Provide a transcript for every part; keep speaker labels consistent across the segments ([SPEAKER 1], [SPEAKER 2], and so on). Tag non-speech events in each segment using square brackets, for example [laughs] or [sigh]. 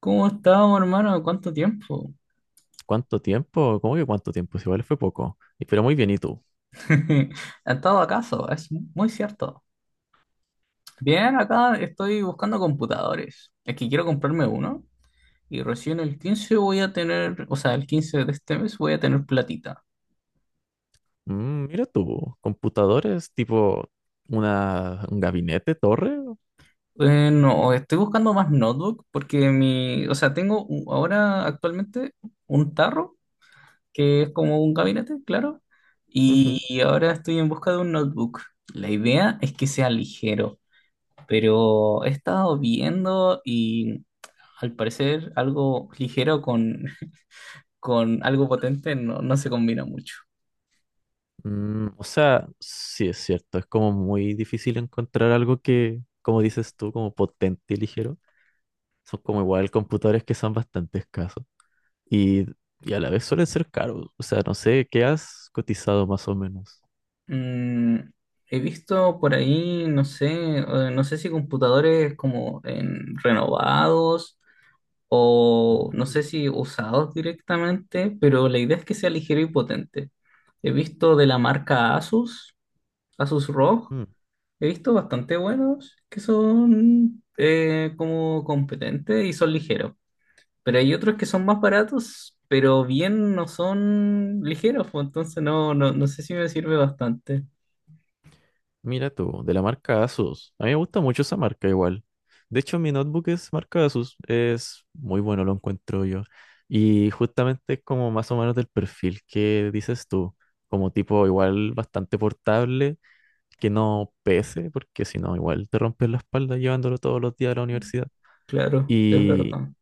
[SPEAKER 1] ¿Cómo estamos, hermano? ¿Cuánto tiempo?
[SPEAKER 2] ¿Cuánto tiempo? ¿Cómo que cuánto tiempo? Si igual fue poco. Pero muy bien, ¿y tú?
[SPEAKER 1] [laughs] ¿Ha estado acaso? Es muy cierto. Bien, acá estoy buscando computadores. Es que quiero comprarme uno y recién el 15 voy a tener, o sea, el 15 de este mes voy a tener platita.
[SPEAKER 2] Mira tú, computadores tipo un gabinete, torre.
[SPEAKER 1] No, estoy buscando más notebook porque o sea, tengo ahora actualmente un tarro, que es como un gabinete, claro,
[SPEAKER 2] Ujú.
[SPEAKER 1] y ahora estoy en busca de un notebook. La idea es que sea ligero. Pero he estado viendo y al parecer algo ligero con algo potente no, no se combina mucho.
[SPEAKER 2] O sea, sí es cierto, es como muy difícil encontrar algo que, como dices tú, como potente y ligero. Son como igual computadores que son bastante escasos. Y, y a la vez suelen ser caros. O sea, no sé, ¿qué has cotizado más o menos?
[SPEAKER 1] Mm, He visto por ahí, no sé, no sé si computadores como en renovados o no sé
[SPEAKER 2] Mm.
[SPEAKER 1] si usados directamente, pero la idea es que sea ligero y potente. He visto de la marca Asus, Asus ROG.
[SPEAKER 2] Mm.
[SPEAKER 1] He visto bastante buenos que son como competentes y son ligeros, pero hay otros que son más baratos, pero bien no son ligeros, pues, entonces no, no, no sé si me sirve bastante.
[SPEAKER 2] Mira tú, de la marca Asus. A mí me gusta mucho esa marca igual. De hecho, mi notebook es marca Asus. Es muy bueno, lo encuentro yo. Y justamente es como más o menos del perfil que dices tú. Como tipo igual bastante portable, que no pese, porque si no, igual te rompes la espalda llevándolo todos los días a la universidad.
[SPEAKER 1] Claro, es
[SPEAKER 2] Y,
[SPEAKER 1] verdad.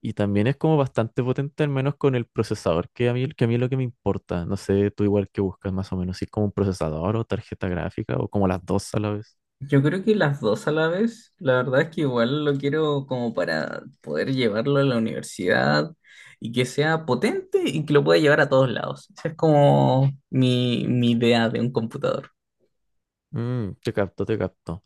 [SPEAKER 2] y también es como bastante potente, al menos con el procesador, que a mí es lo que me importa. No sé, tú igual que buscas más o menos, si es como un procesador o tarjeta gráfica o como las dos a la vez.
[SPEAKER 1] Yo creo que las dos a la vez, la verdad es que igual lo quiero como para poder llevarlo a la universidad y que sea potente y que lo pueda llevar a todos lados. Esa es como mi idea de un computador.
[SPEAKER 2] Mm, te capto, te capto.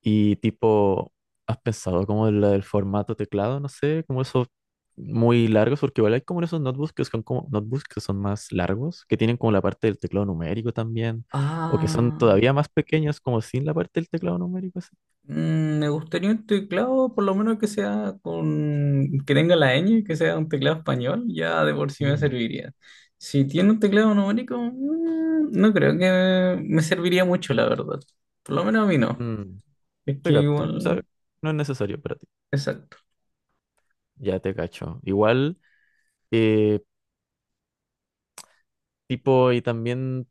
[SPEAKER 2] Y tipo, ¿has pensado como en la del formato teclado? No sé, como esos muy largos, porque igual hay como esos notebooks que son como notebooks que son más largos, que tienen como la parte del teclado numérico también, o que son
[SPEAKER 1] Ah.
[SPEAKER 2] todavía más pequeños, como sin la parte del teclado numérico, así.
[SPEAKER 1] Me gustaría un teclado, por lo menos que sea que tenga la ñ, que sea un teclado español, ya de por sí me
[SPEAKER 2] Mm.
[SPEAKER 1] serviría. Si tiene un teclado numérico, no creo que me serviría mucho, la verdad. Por lo menos a mí no.
[SPEAKER 2] Mm,
[SPEAKER 1] Es que
[SPEAKER 2] te capto. O sea,
[SPEAKER 1] igual,
[SPEAKER 2] no es necesario para ti.
[SPEAKER 1] exacto.
[SPEAKER 2] Ya te cacho. Igual, eh, tipo, y también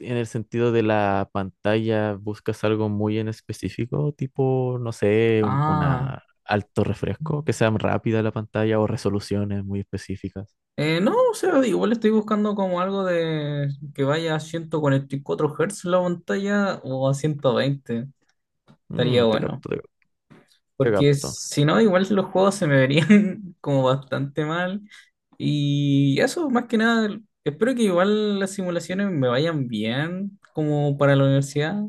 [SPEAKER 2] en el sentido de la pantalla, buscas algo muy en específico, tipo, no sé,
[SPEAKER 1] Ah,
[SPEAKER 2] una alto refresco, que sea rápida la pantalla o resoluciones muy específicas.
[SPEAKER 1] no, o sea, igual estoy buscando como algo de que vaya a 144 Hz la pantalla o a 120.
[SPEAKER 2] Mm,
[SPEAKER 1] Estaría
[SPEAKER 2] te
[SPEAKER 1] bueno.
[SPEAKER 2] capto, te
[SPEAKER 1] Porque
[SPEAKER 2] capto.
[SPEAKER 1] si no, igual los juegos se me verían [laughs] como bastante mal. Y eso, más que nada, espero que igual las simulaciones me vayan bien como para la universidad.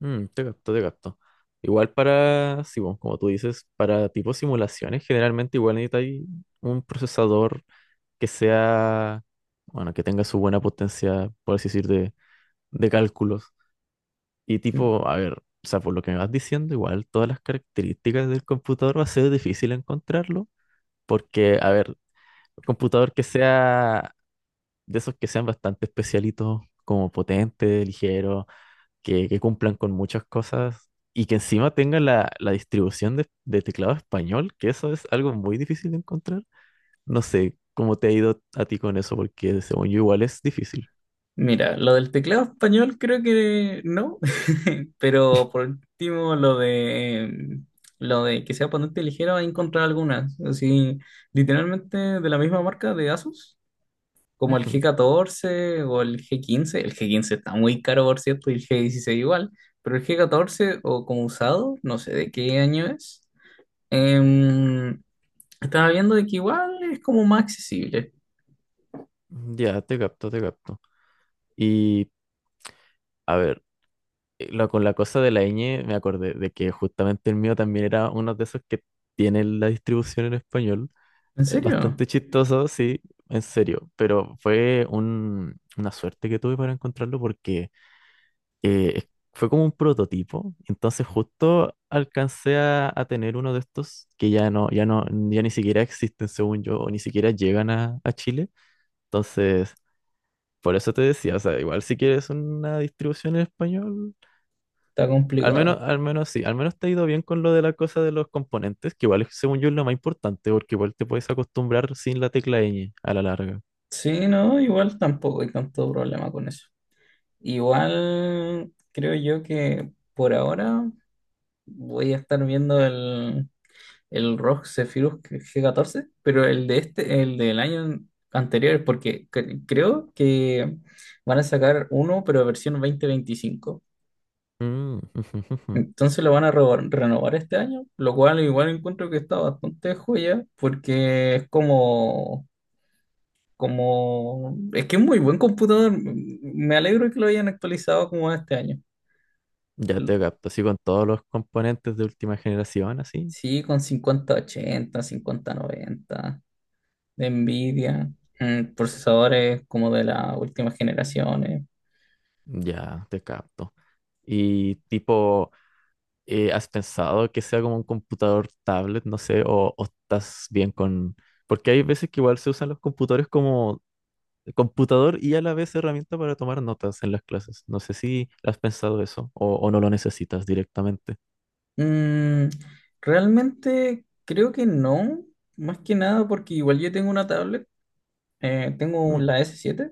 [SPEAKER 2] Mm, te capto, te capto. Igual para, sí, bueno, como tú dices, para tipo simulaciones, generalmente igual necesitas un procesador que sea, bueno, que tenga su buena potencia, por así decir, de cálculos. Y tipo, a ver, o sea, por lo que me vas diciendo, igual todas las características del computador va a ser difícil encontrarlo, porque, a ver, un computador que sea de esos que sean bastante especialitos, como potente, ligero, que cumplan con muchas cosas y que encima tenga la distribución de teclado español, que eso es algo muy difícil de encontrar. No sé cómo te ha ido a ti con eso, porque según yo igual es difícil.
[SPEAKER 1] Mira, lo del teclado español creo que no, [laughs] pero por último lo de que sea ponente ligero, he encontrado algunas, así literalmente de la misma marca de Asus. Como el
[SPEAKER 2] Ujú.
[SPEAKER 1] G14 o el G15. El G15 está muy caro, por cierto, y el G16 igual. Pero el G14 o como usado, no sé de qué año es. em, Estaba viendo de que igual es como más accesible.
[SPEAKER 2] Ya, te capto, te capto. Y, a ver. Con la cosa de la ñ me acordé de que justamente el mío también era uno de esos que tiene la distribución en español.
[SPEAKER 1] ¿En serio?
[SPEAKER 2] Bastante chistoso, sí, en serio, pero fue una suerte que tuve para encontrarlo porque fue como un prototipo, entonces justo alcancé a tener uno de estos que ya no, ya ni siquiera existen según yo, o ni siquiera llegan a Chile, entonces por eso te decía, o sea, igual si quieres una distribución en español.
[SPEAKER 1] Está complicado.
[SPEAKER 2] Al menos sí, al menos te ha ido bien con lo de la cosa de los componentes, que igual es, según yo es lo más importante, porque igual te puedes acostumbrar sin la tecla ñ a la larga.
[SPEAKER 1] Sí, no, igual tampoco hay tanto problema con eso. Igual creo yo que por ahora voy a estar viendo el ROG Zephyrus G14 pero el de este, el del año anterior, porque creo que van a sacar uno, pero versión 2025.
[SPEAKER 2] Mm, [laughs] ujú, ujú.
[SPEAKER 1] Entonces lo van a renovar este año, lo cual igual encuentro que está bastante joya, porque es como, es que es muy buen computador. Me alegro que lo hayan actualizado como este año.
[SPEAKER 2] Ya te capto, así con todos los componentes de última generación, así.
[SPEAKER 1] Sí, con 5080 5090 de Nvidia, procesadores como de las últimas generaciones.
[SPEAKER 2] Ya te capto. Y tipo, ¿has pensado que sea como un computador tablet, no sé, o estás bien con... Porque hay veces que igual se usan los computadores como computador y a la vez herramienta para tomar notas en las clases. No sé si has pensado eso o no lo necesitas directamente.
[SPEAKER 1] Mm, Realmente creo que no, más que nada porque igual yo tengo una tablet,
[SPEAKER 2] Mm.
[SPEAKER 1] tengo la S7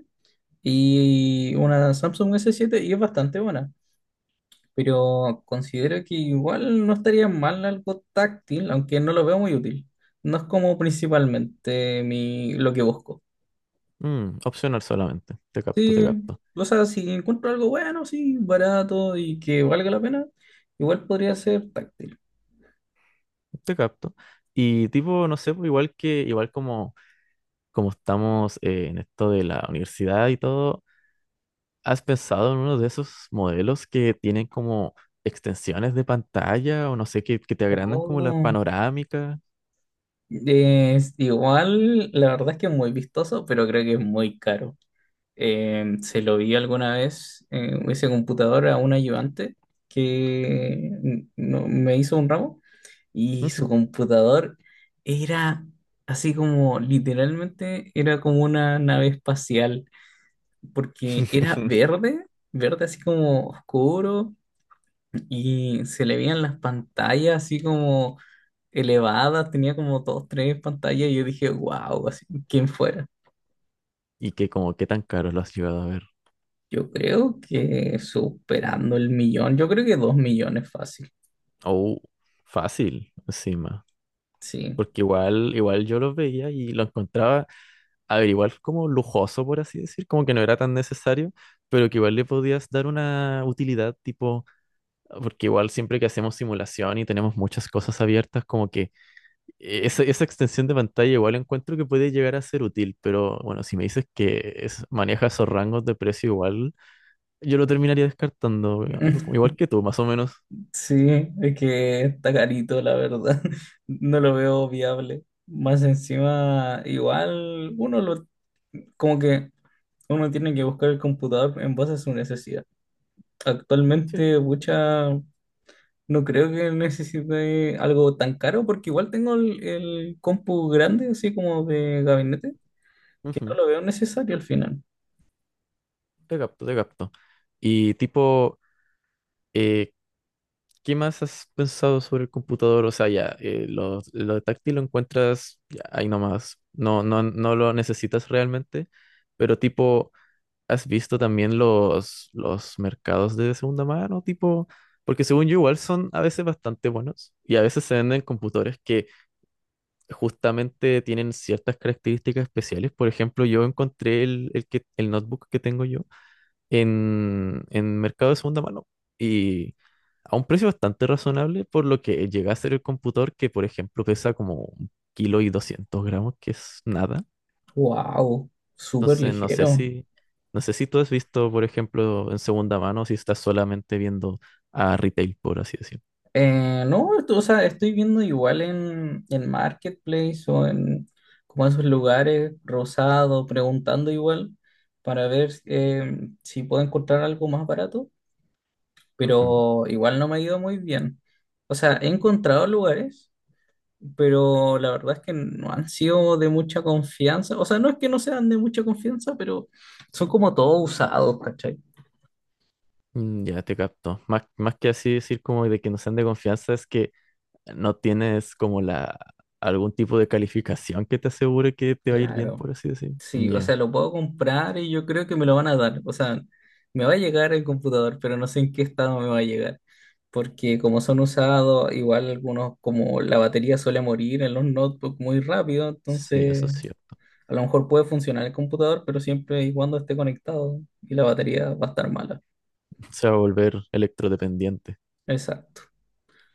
[SPEAKER 1] y una Samsung S7 y es bastante buena, pero considero que igual no estaría mal algo táctil, aunque no lo veo muy útil. No es como principalmente lo que busco.
[SPEAKER 2] Mm, opcional solamente. Te capto, te
[SPEAKER 1] Sí,
[SPEAKER 2] capto,
[SPEAKER 1] o sea, si encuentro algo bueno, sí, barato y que valga la pena, igual podría ser táctil.
[SPEAKER 2] te capto. Y tipo, no sé, pues, igual que, igual como, como estamos en esto de la universidad y todo, ¿has pensado en uno de esos modelos que tienen como extensiones de pantalla o no sé, que te agrandan como la
[SPEAKER 1] Oh,
[SPEAKER 2] panorámica?
[SPEAKER 1] es igual, la verdad es que es muy vistoso, pero creo que es muy caro. Se lo vi alguna vez en ese computador a un ayudante que me hizo un ramo y su
[SPEAKER 2] Ujú.
[SPEAKER 1] computador era así como literalmente era como una nave espacial. Porque era
[SPEAKER 2] [laughs]
[SPEAKER 1] verde, verde así como oscuro, y se le veían las pantallas así como elevadas, tenía como dos, tres pantallas, y yo dije, wow, así, ¿quién fuera?
[SPEAKER 2] Y que como qué tan caro lo has llegado a ver.
[SPEAKER 1] Yo creo que superando el millón, yo creo que dos millones fácil,
[SPEAKER 2] Oh, fácil, encima.
[SPEAKER 1] sí.
[SPEAKER 2] Porque igual yo los veía y lo encontraba, a ver, igual como lujoso, por así decir, como que no era tan necesario, pero que igual le podías dar una utilidad, tipo, porque igual siempre que hacemos simulación y tenemos muchas cosas abiertas, como que esa extensión de pantalla igual encuentro que puede llegar a ser útil, pero bueno, si me dices que maneja esos rangos de precio igual, yo lo terminaría descartando, igual
[SPEAKER 1] [laughs]
[SPEAKER 2] que tú, más o menos.
[SPEAKER 1] Sí, es que está carito, la verdad. [laughs] No lo veo viable. Más encima, igual como que uno tiene que buscar el computador en base a su necesidad. Actualmente, no creo que necesite algo tan caro porque igual tengo el compu grande, así como de gabinete, que no
[SPEAKER 2] Sí.
[SPEAKER 1] lo veo necesario al final.
[SPEAKER 2] Te capto, te capto. Y tipo, eh, ¿qué más has pensado sobre el computador? O sea, ya, lo táctil lo encuentras ya, ahí nomás. No lo necesitas realmente, pero tipo, ¿has visto también los mercados de segunda mano? Tipo, porque según yo igual son a veces bastante buenos y a veces se venden computadores que justamente tienen ciertas características especiales. Por ejemplo, yo encontré el notebook que tengo yo en mercado de segunda mano y a un precio bastante razonable, por lo que llega a ser el computador que, por ejemplo, pesa como un kilo y 200 gramos, que es nada.
[SPEAKER 1] Wow, súper
[SPEAKER 2] Entonces, no sé
[SPEAKER 1] ligero.
[SPEAKER 2] si, no sé si tú has visto, por ejemplo, en segunda mano, si estás solamente viendo a retail, por así decirlo.
[SPEAKER 1] No, o sea, estoy viendo igual en Marketplace o en como esos lugares, Rosado, preguntando igual para ver si puedo encontrar algo más barato,
[SPEAKER 2] Ujú.
[SPEAKER 1] pero igual no me ha ido muy bien. O sea, he encontrado lugares pero la verdad es que no han sido de mucha confianza. O sea, no es que no sean de mucha confianza, pero son como todos usados, ¿cachai?
[SPEAKER 2] Mm. Ya te capto. Más, más que así decir como de que no sean de confianza, es que no tienes como la algún tipo de calificación que te asegure que te va a ir bien,
[SPEAKER 1] Claro.
[SPEAKER 2] por así decir.
[SPEAKER 1] Sí, o sea,
[SPEAKER 2] Ya.
[SPEAKER 1] lo puedo comprar y yo creo que me lo van a dar. O sea, me va a llegar el computador, pero no sé en qué estado me va a llegar. Porque como son usados, igual algunos, como la batería suele morir en los notebooks muy rápido,
[SPEAKER 2] Sí, eso
[SPEAKER 1] entonces
[SPEAKER 2] sí.
[SPEAKER 1] a lo mejor puede funcionar el computador, pero siempre y cuando esté conectado y la batería va a estar mala.
[SPEAKER 2] [laughs] Se va a volver electrodependiente.
[SPEAKER 1] Exacto.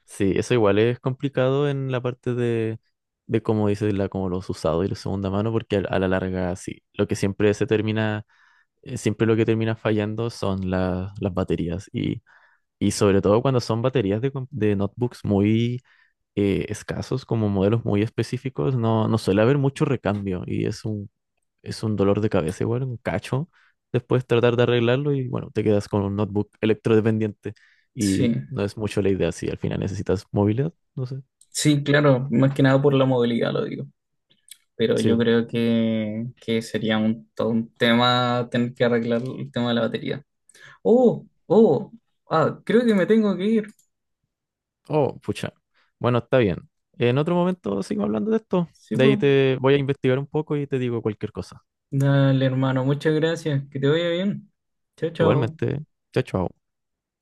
[SPEAKER 2] Sí, eso igual es complicado en la parte de cómo dices la, como los usados y la segunda mano, porque a la larga sí. Lo que siempre se termina, siempre lo que termina fallando son las baterías. Y sobre todo cuando son baterías de, de notebooks muy escasos, como modelos muy específicos, no suele haber mucho recambio. Y es un dolor de cabeza igual, un cacho. Después tratar de arreglarlo y bueno, te quedas con un notebook electrodependiente y
[SPEAKER 1] Sí.
[SPEAKER 2] no es mucho la idea si al final necesitas movilidad, no sé.
[SPEAKER 1] Sí, claro, más que nada por la movilidad lo digo, pero yo
[SPEAKER 2] Sí.
[SPEAKER 1] creo que sería todo un tema tener que arreglar el tema de la batería. Oh, oh, ah, creo que me tengo que ir.
[SPEAKER 2] Oh, pucha. Bueno, está bien. En otro momento sigo hablando de esto.
[SPEAKER 1] Sí,
[SPEAKER 2] De ahí
[SPEAKER 1] pues.
[SPEAKER 2] te voy a investigar un poco y te digo cualquier cosa.
[SPEAKER 1] Dale, hermano, muchas gracias, que te vaya bien. Chao, chao.
[SPEAKER 2] Igualmente, chao, chao.